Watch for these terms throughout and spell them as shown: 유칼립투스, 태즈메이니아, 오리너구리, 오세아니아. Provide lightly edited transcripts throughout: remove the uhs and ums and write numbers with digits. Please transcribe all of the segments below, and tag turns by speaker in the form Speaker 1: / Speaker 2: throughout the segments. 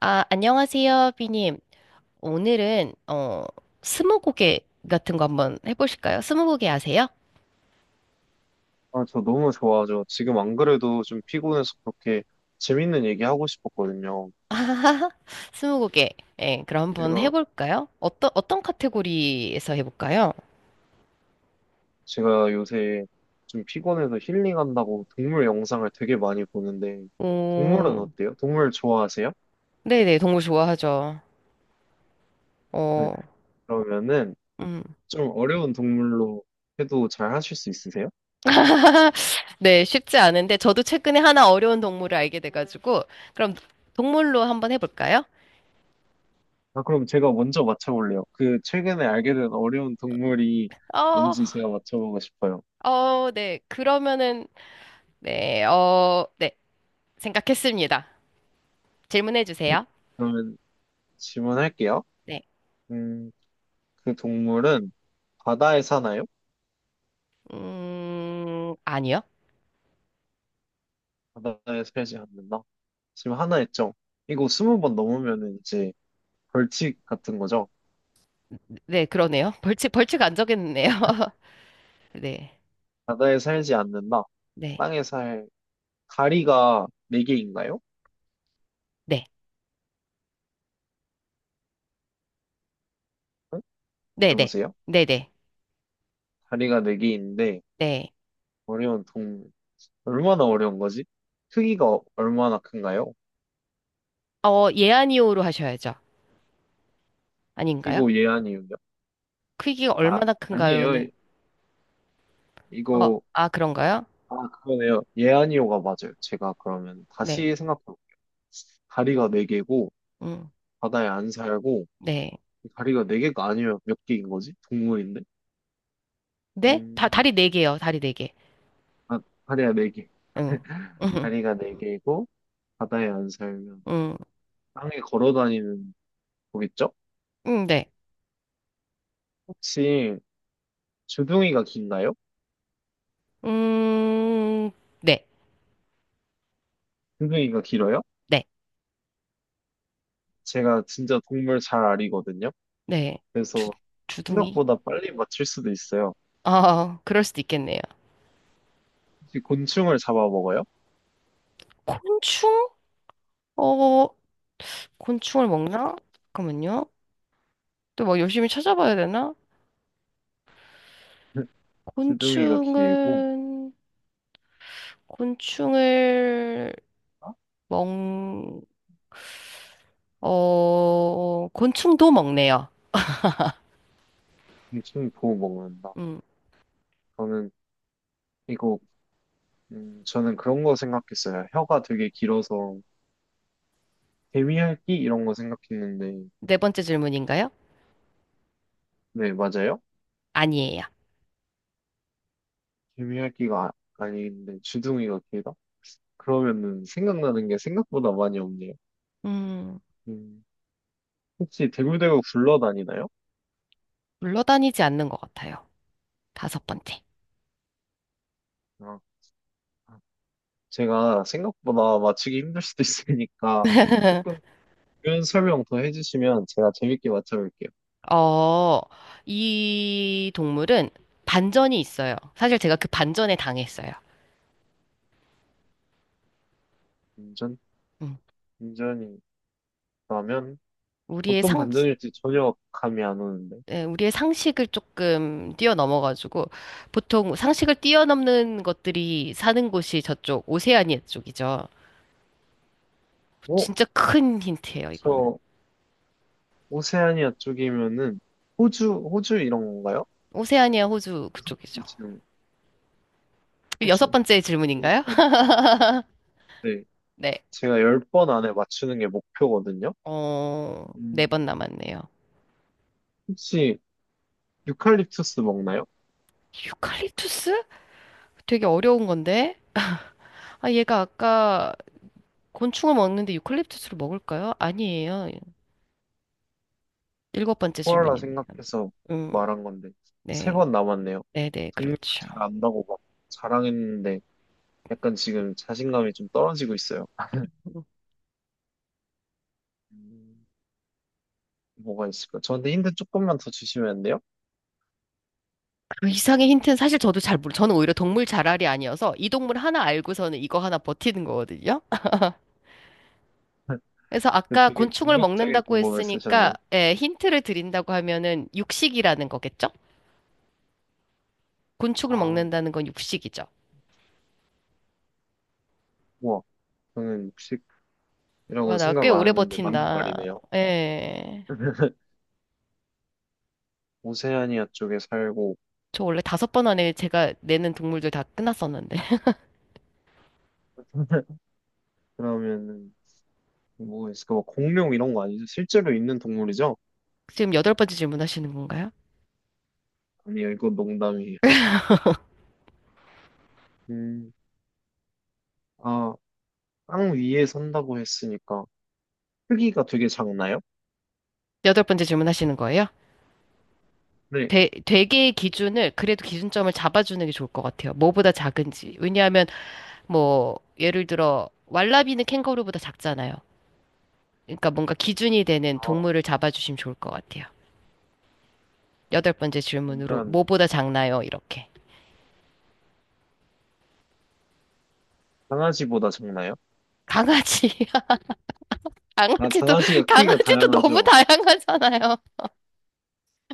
Speaker 1: 아, 안녕하세요, 비님. 오늘은, 스무고개 같은 거 한번 해보실까요? 스무고개 아세요?
Speaker 2: 아, 저 너무 좋아하죠. 지금 안 그래도 좀 피곤해서 그렇게 재밌는 얘기 하고 싶었거든요.
Speaker 1: 스무고개. 예, 그럼 한번
Speaker 2: 제가,
Speaker 1: 해볼까요? 어떤 카테고리에서 해볼까요?
Speaker 2: 제가 요새 좀 피곤해서 힐링한다고 동물 영상을 되게 많이 보는데, 동물은
Speaker 1: 오,
Speaker 2: 어때요? 동물 좋아하세요?
Speaker 1: 네네, 동물 좋아하죠.
Speaker 2: 네,
Speaker 1: 어,
Speaker 2: 그러면은
Speaker 1: 음.
Speaker 2: 좀 어려운 동물로 해도 잘 하실 수 있으세요?
Speaker 1: 네, 쉽지 않은데, 저도 최근에 하나 어려운 동물을 알게 돼가지고, 그럼 동물로 한번 해볼까요?
Speaker 2: 아, 그럼 제가 먼저 맞춰볼래요. 그 최근에 알게 된 어려운 동물이
Speaker 1: 어,
Speaker 2: 뭔지 제가 맞춰보고 싶어요.
Speaker 1: 어, 네, 그러면은, 네, 어, 네, 생각했습니다. 질문해 주세요.
Speaker 2: 그러면 질문할게요.
Speaker 1: 네.
Speaker 2: 음, 그 동물은 바다에 사나요?
Speaker 1: 아니요.
Speaker 2: 하나에 세지 않는다? 지금 하나 했죠? 이거 스무 번 넘으면은 이제 벌칙 같은 거죠?
Speaker 1: 네, 그러네요. 벌칙 안 정했네요. 네.
Speaker 2: 바다에 살지 않는다.
Speaker 1: 네.
Speaker 2: 땅에 살 다리가 네 개인가요?
Speaker 1: 네.
Speaker 2: 응?
Speaker 1: 네 네.
Speaker 2: 여보세요?
Speaker 1: 네네. 네.
Speaker 2: 다리가 네 개인데
Speaker 1: 네,
Speaker 2: 어려운 동 얼마나 어려운 거지? 크기가 얼마나 큰가요?
Speaker 1: 네. 예, 아니요로 하셔야죠. 아닌가요?
Speaker 2: 이거 예안이요요?
Speaker 1: 크기가
Speaker 2: 아
Speaker 1: 얼마나
Speaker 2: 아니에요.
Speaker 1: 큰가요는? 어,
Speaker 2: 이거
Speaker 1: 아, 그런가요?
Speaker 2: 아 그러네요. 예안이요가 맞아요. 제가 그러면
Speaker 1: 네.
Speaker 2: 다시 생각해 볼게요. 다리가 네 개고
Speaker 1: 음,
Speaker 2: 바다에 안 살고
Speaker 1: 네.
Speaker 2: 다리가 네 개가 아니면 몇 개인 거지? 동물인데?
Speaker 1: 네?
Speaker 2: 음,
Speaker 1: 다리 네개요 다리 네개.
Speaker 2: 아, 다리가 네 개.
Speaker 1: 응. 음,
Speaker 2: 다리가 네 개이고, 바다에 안 살면,
Speaker 1: 음,
Speaker 2: 땅에 걸어 다니는 거겠죠?
Speaker 1: 네.
Speaker 2: 혹시, 주둥이가 긴가요?
Speaker 1: 음, 네.
Speaker 2: 주둥이가 길어요?
Speaker 1: 네.
Speaker 2: 제가 진짜 동물 잘 아리거든요?
Speaker 1: 네. 주,
Speaker 2: 그래서
Speaker 1: 주둥이?
Speaker 2: 생각보다 빨리 맞출 수도 있어요.
Speaker 1: 아, 그럴 수도 있겠네요.
Speaker 2: 혹시 곤충을 잡아먹어요?
Speaker 1: 곤충? 어, 곤충을 먹나? 잠깐만요. 또 막 열심히 찾아봐야 되나?
Speaker 2: 주둥이가 길고,
Speaker 1: 곤충은, 곤충을
Speaker 2: 아,
Speaker 1: 먹, 곤충도 먹네요.
Speaker 2: 곤충이 보고 먹는다.
Speaker 1: 음,
Speaker 2: 저는, 이거, 저는 그런 거 생각했어요. 혀가 되게 길어서, 개미핥기 이런 거 생각했는데
Speaker 1: 네 번째 질문인가요?
Speaker 2: 네 맞아요?
Speaker 1: 아니에요.
Speaker 2: 개미핥기가 아, 아닌데 주둥이가 길다? 그러면은 생각나는 게 생각보다 많이 없네요.
Speaker 1: 음,
Speaker 2: 음, 혹시 대굴대굴 굴러다니나요?
Speaker 1: 물러다니지 않는 것 같아요. 다섯 번째.
Speaker 2: 아, 제가 생각보다 맞추기 힘들 수도 있으니까 조금 이런 설명 더 해주시면 제가 재밌게 맞춰볼게요.
Speaker 1: 어, 이 동물은 반전이 있어요. 사실 제가 그 반전에 당했어요.
Speaker 2: 반전
Speaker 1: 음,
Speaker 2: 반전이라면
Speaker 1: 우리의
Speaker 2: 어떤
Speaker 1: 상,
Speaker 2: 반전일지 전혀 감이 안 오는데.
Speaker 1: 예, 우리의 상식을 조금 뛰어넘어가지고 보통 상식을 뛰어넘는 것들이 사는 곳이 저쪽 오세아니아 쪽이죠.
Speaker 2: 어?
Speaker 1: 진짜 큰 힌트예요, 이거는.
Speaker 2: 저 오세아니아 쪽이면은 호주 이런 건가요?
Speaker 1: 오세아니아 호주
Speaker 2: 여섯 번째
Speaker 1: 그쪽이죠.
Speaker 2: 질문,
Speaker 1: 여섯
Speaker 2: 호주.
Speaker 1: 번째 질문인가요?
Speaker 2: 그러면, 네,
Speaker 1: 네.
Speaker 2: 제가 열 번 안에 맞추는 게 목표거든요.
Speaker 1: 네 번
Speaker 2: 음,
Speaker 1: 남았네요.
Speaker 2: 혹시 유칼립투스 먹나요?
Speaker 1: 유칼립투스? 되게 어려운 건데. 아, 얘가 아까 곤충을 먹는데 유칼립투스를 먹을까요? 아니에요. 일곱 번째
Speaker 2: 코알라
Speaker 1: 질문이네요.
Speaker 2: 생각해서
Speaker 1: 음,
Speaker 2: 말한 건데, 세
Speaker 1: 네.
Speaker 2: 번 남았네요.
Speaker 1: 네네,
Speaker 2: 동물
Speaker 1: 그렇죠.
Speaker 2: 잘 안다고 막 자랑했는데, 약간 지금 자신감이 좀 떨어지고 있어요. 음, 뭐가 있을까? 저한테 힌트 조금만 더 주시면 안 돼요?
Speaker 1: 그 이상의 힌트는 사실 저는 오히려 동물 자랄이 아니어서 이 동물 하나 알고서는 이거 하나 버티는 거거든요. 그래서
Speaker 2: 그
Speaker 1: 아까
Speaker 2: 되게
Speaker 1: 곤충을
Speaker 2: 전략적인
Speaker 1: 먹는다고
Speaker 2: 방법을
Speaker 1: 했으니까,
Speaker 2: 쓰셨네요.
Speaker 1: 예, 힌트를 드린다고 하면은 육식이라는 거겠죠? 곤충을
Speaker 2: 아,
Speaker 1: 먹는다는 건 육식이죠.
Speaker 2: 우와. 저는
Speaker 1: 와,
Speaker 2: 육식이라고는
Speaker 1: 나 꽤
Speaker 2: 생각 안
Speaker 1: 오래
Speaker 2: 했는데 맞는
Speaker 1: 버틴다.
Speaker 2: 말이네요.
Speaker 1: 예.
Speaker 2: 오세아니아 쪽에 살고
Speaker 1: 저 원래 다섯 번 안에 제가 내는 동물들 다 끝났었는데.
Speaker 2: 그러면은 뭐 있을까? 뭐 공룡 이런 거 아니죠? 실제로 있는 동물이죠?
Speaker 1: 지금 여덟 번째 질문하시는 건가요?
Speaker 2: 아니요, 이건 농담이에요. 음, 아, 땅 위에 산다고 했으니까 크기가 되게 작나요?
Speaker 1: 여덟 번째 질문하시는 거예요?
Speaker 2: 네.
Speaker 1: 되게의 기준을, 그래도 기준점을 잡아주는 게 좋을 것 같아요. 뭐보다 작은지. 왜냐하면 뭐 예를 들어 왈라비는 캥거루보다 작잖아요. 그러니까 뭔가 기준이 되는
Speaker 2: 아,
Speaker 1: 동물을 잡아주시면 좋을 것 같아요. 여덟 번째 질문으로
Speaker 2: 그러면
Speaker 1: 뭐보다 작나요? 이렇게.
Speaker 2: 강아지보다 작나요?
Speaker 1: 강아지.
Speaker 2: 아,
Speaker 1: 강아지도
Speaker 2: 강아지가 크기가
Speaker 1: 강아지도 너무
Speaker 2: 다양하죠.
Speaker 1: 다양하잖아요.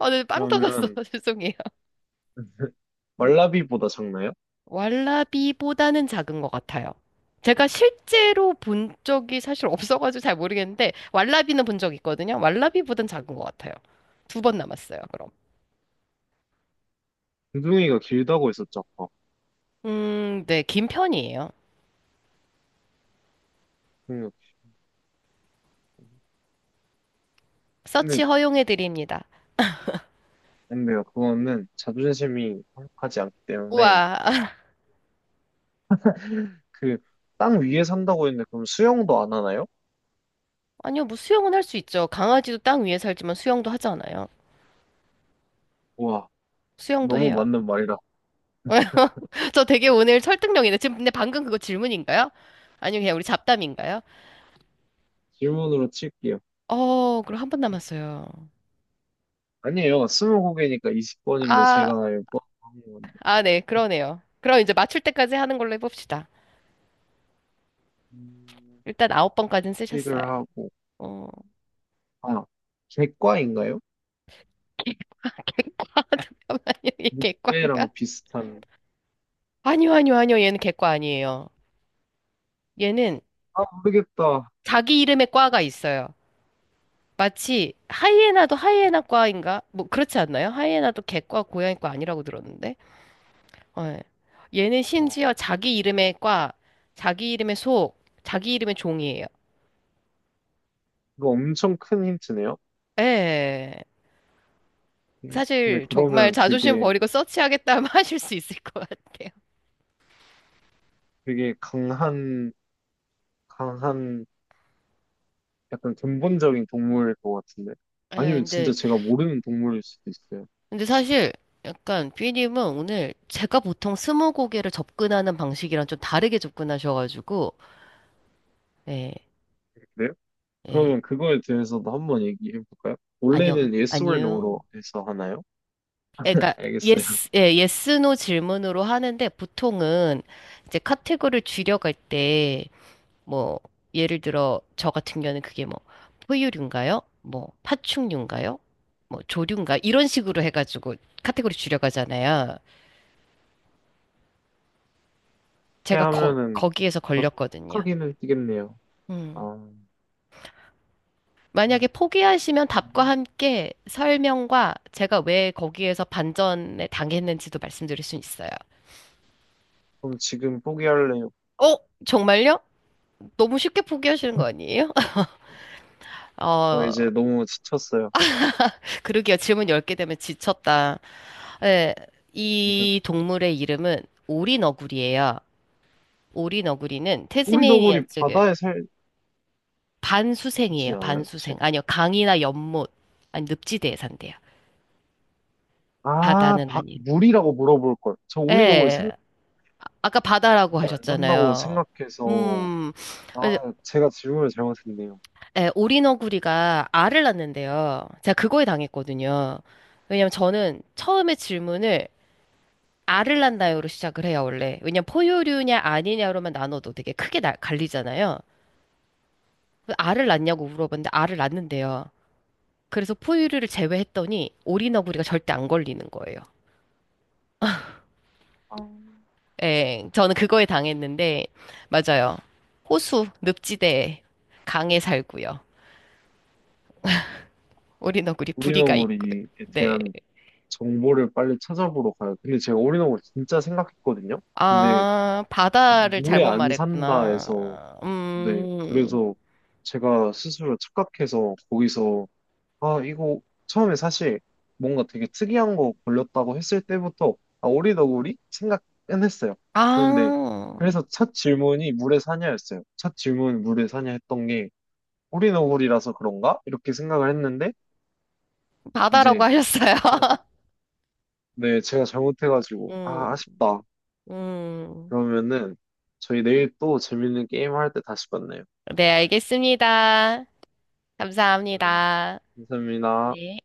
Speaker 1: 오늘 빵 터졌어.
Speaker 2: 그러면
Speaker 1: 죄송해요. 음.
Speaker 2: 왈라비보다 작나요?
Speaker 1: 왈라비보다는 작은 것 같아요. 제가 실제로 본 적이 사실 없어가지고 잘 모르겠는데 왈라비는 본 적 있거든요. 왈라비보단 작은 것 같아요. 두 번 남았어요. 그럼.
Speaker 2: 두둥이가 길다고 했었죠, 아까.
Speaker 1: 네, 긴 편이에요.
Speaker 2: 음, 근데,
Speaker 1: 서치 허용해드립니다.
Speaker 2: 근데요, 그거는 자존심이 허락하지 않기 때문에
Speaker 1: 우와.
Speaker 2: 그 땅 위에 산다고 했는데 그럼 수영도 안 하나요?
Speaker 1: 아니요, 뭐 수영은 할 수 있죠. 강아지도 땅 위에 살지만 수영도 하잖아요.
Speaker 2: 우와.
Speaker 1: 수영도
Speaker 2: 너무
Speaker 1: 해요.
Speaker 2: 맞는 말이라
Speaker 1: 저 되게 오늘 설득력이네. 지금 근데 방금 그거 질문인가요? 아니면 그냥 우리 잡담인가요?
Speaker 2: 질문으로 칠게요.
Speaker 1: 그럼 한 번 남았어요.
Speaker 2: 아니에요. 스무고개니까 20번인데
Speaker 1: 아,
Speaker 2: 제가 알고 하는 건데.
Speaker 1: 아, 네, 그러네요. 그럼 이제 맞출 때까지 하는 걸로 해봅시다.
Speaker 2: 음,
Speaker 1: 일단 아홉 번까지는 쓰셨어요.
Speaker 2: 식을 하고
Speaker 1: 어,
Speaker 2: 아 객과인가요?
Speaker 1: 잠깐만요. 이게 객과인가?
Speaker 2: 늑대랑 비슷한
Speaker 1: 아니요, 아니요, 아니요. 얘는 객과 아니에요. 얘는
Speaker 2: 아 모르겠다.
Speaker 1: 자기 이름의 과가 있어요. 마치 하이에나도 하이에나과인가? 뭐 그렇지 않나요? 하이에나도 개과 고양이과 아니라고 들었는데. 어, 예. 얘는
Speaker 2: 어,
Speaker 1: 심지어 자기 이름의 과, 자기 이름의 속, 자기 이름의 종이에요.
Speaker 2: 이거 엄청 큰 힌트네요.
Speaker 1: 예.
Speaker 2: 근데
Speaker 1: 사실 정말
Speaker 2: 그러면
Speaker 1: 자존심
Speaker 2: 되게
Speaker 1: 버리고 서치하겠다면 하실 수 있을 것 같아요.
Speaker 2: 되게 강한 약간 근본적인 동물일 것 같은데
Speaker 1: 예,
Speaker 2: 아니면 진짜
Speaker 1: 근데
Speaker 2: 제가 모르는 동물일 수도 있어요.
Speaker 1: 근데 사실 약간 삐님은 오늘 제가 보통 스무고개를 접근하는 방식이랑 좀 다르게 접근하셔가지고 예,
Speaker 2: 그래요?
Speaker 1: 예.
Speaker 2: 그러면 그거에 대해서도 한 번 얘기해 볼까요?
Speaker 1: 안녕,
Speaker 2: 원래는 yes or no로
Speaker 1: 안녕.
Speaker 2: 해서 하나요?
Speaker 1: 그러니까
Speaker 2: 알겠어요.
Speaker 1: 예스 노 질문으로 하는데 보통은 이제 카테고리를 줄여갈 때 뭐 예를 들어 저 같은 경우는 그게 뭐 포유류인가요? 뭐 파충류인가요? 뭐 조류인가? 이런 식으로 해가지고 카테고리 줄여가잖아요.
Speaker 2: 이렇게
Speaker 1: 제가
Speaker 2: 하면은
Speaker 1: 거기에서
Speaker 2: 더
Speaker 1: 걸렸거든요.
Speaker 2: 크기는 뛰겠네요.
Speaker 1: 음.
Speaker 2: 아, 음.
Speaker 1: 만약에 포기하시면 답과 함께 설명과 제가 왜 거기에서 반전에 당했는지도 말씀드릴 수 있어요.
Speaker 2: 그럼 지금 포기할래요.
Speaker 1: 어? 정말요? 너무 쉽게 포기하시는 거 아니에요?
Speaker 2: 저
Speaker 1: 어,
Speaker 2: 이제 너무 지쳤어요.
Speaker 1: 그러게요. 질문 10개 되면 지쳤다. 예, 이 동물의 이름은 오리너구리예요. 오리너구리는 태즈메이니아
Speaker 2: 오리더구리
Speaker 1: 쪽에
Speaker 2: 바다에 살지
Speaker 1: 반수생이에요.
Speaker 2: 않아요?
Speaker 1: 반수생. 아니요, 강이나 연못, 아니 늪지대에 산대요. 바다는 아닌.
Speaker 2: 물이라고 물어볼 걸. 저 오리더구리
Speaker 1: 예,
Speaker 2: 생각,
Speaker 1: 아까 바다라고
Speaker 2: 물에 안 산다고
Speaker 1: 하셨잖아요.
Speaker 2: 생각해서,
Speaker 1: 음,
Speaker 2: 아,
Speaker 1: 그래서,
Speaker 2: 제가 질문을 잘못했네요.
Speaker 1: 예, 오리너구리가 알을 낳는데요. 제가 그거에 당했거든요. 왜냐면 저는 처음에 질문을 알을 낳나요로 시작을 해요, 원래. 왜냐면 포유류냐 아니냐로만 나눠도 되게 크게 갈리잖아요. 알을 낳냐고 물어봤는데 알을 낳는데요. 그래서 포유류를 제외했더니 오리너구리가 절대 안 걸리는 거예요.
Speaker 2: 아,
Speaker 1: 예, 저는 그거에 당했는데, 맞아요. 호수, 늪지대, 강에 살고요. 오리너구리 부리가 있고요.
Speaker 2: 오리너구리에
Speaker 1: 네.
Speaker 2: 대한 정보를 빨리 찾아보러 가요. 근데 제가 올인원을 진짜 생각했거든요. 근데
Speaker 1: 아, 바다를
Speaker 2: 물에
Speaker 1: 잘못
Speaker 2: 안 산다
Speaker 1: 말했구나.
Speaker 2: 해서 네 그래서 제가 스스로 착각해서 거기서 아 이거 처음에 사실 뭔가 되게 특이한 거 걸렸다고 했을 때부터 아 오리더구리 생각은 했어요. 그런데
Speaker 1: 아,
Speaker 2: 그래서 첫 질문이 물에 사냐였어요. 첫 질문 물에 사냐 했던 게 오리너구리라서 그런가? 이렇게 생각을 했는데
Speaker 1: 바다라고
Speaker 2: 이제
Speaker 1: 하셨어요.
Speaker 2: 아, 네 제가 잘못해가지고
Speaker 1: 음.
Speaker 2: 아 아쉽다
Speaker 1: 음,
Speaker 2: 그러면은 저희 내일 또 재밌는 게임 할 때 다시 만나요.
Speaker 1: 네, 알겠습니다.
Speaker 2: 네.
Speaker 1: 감사합니다.
Speaker 2: 감사합니다.
Speaker 1: 네.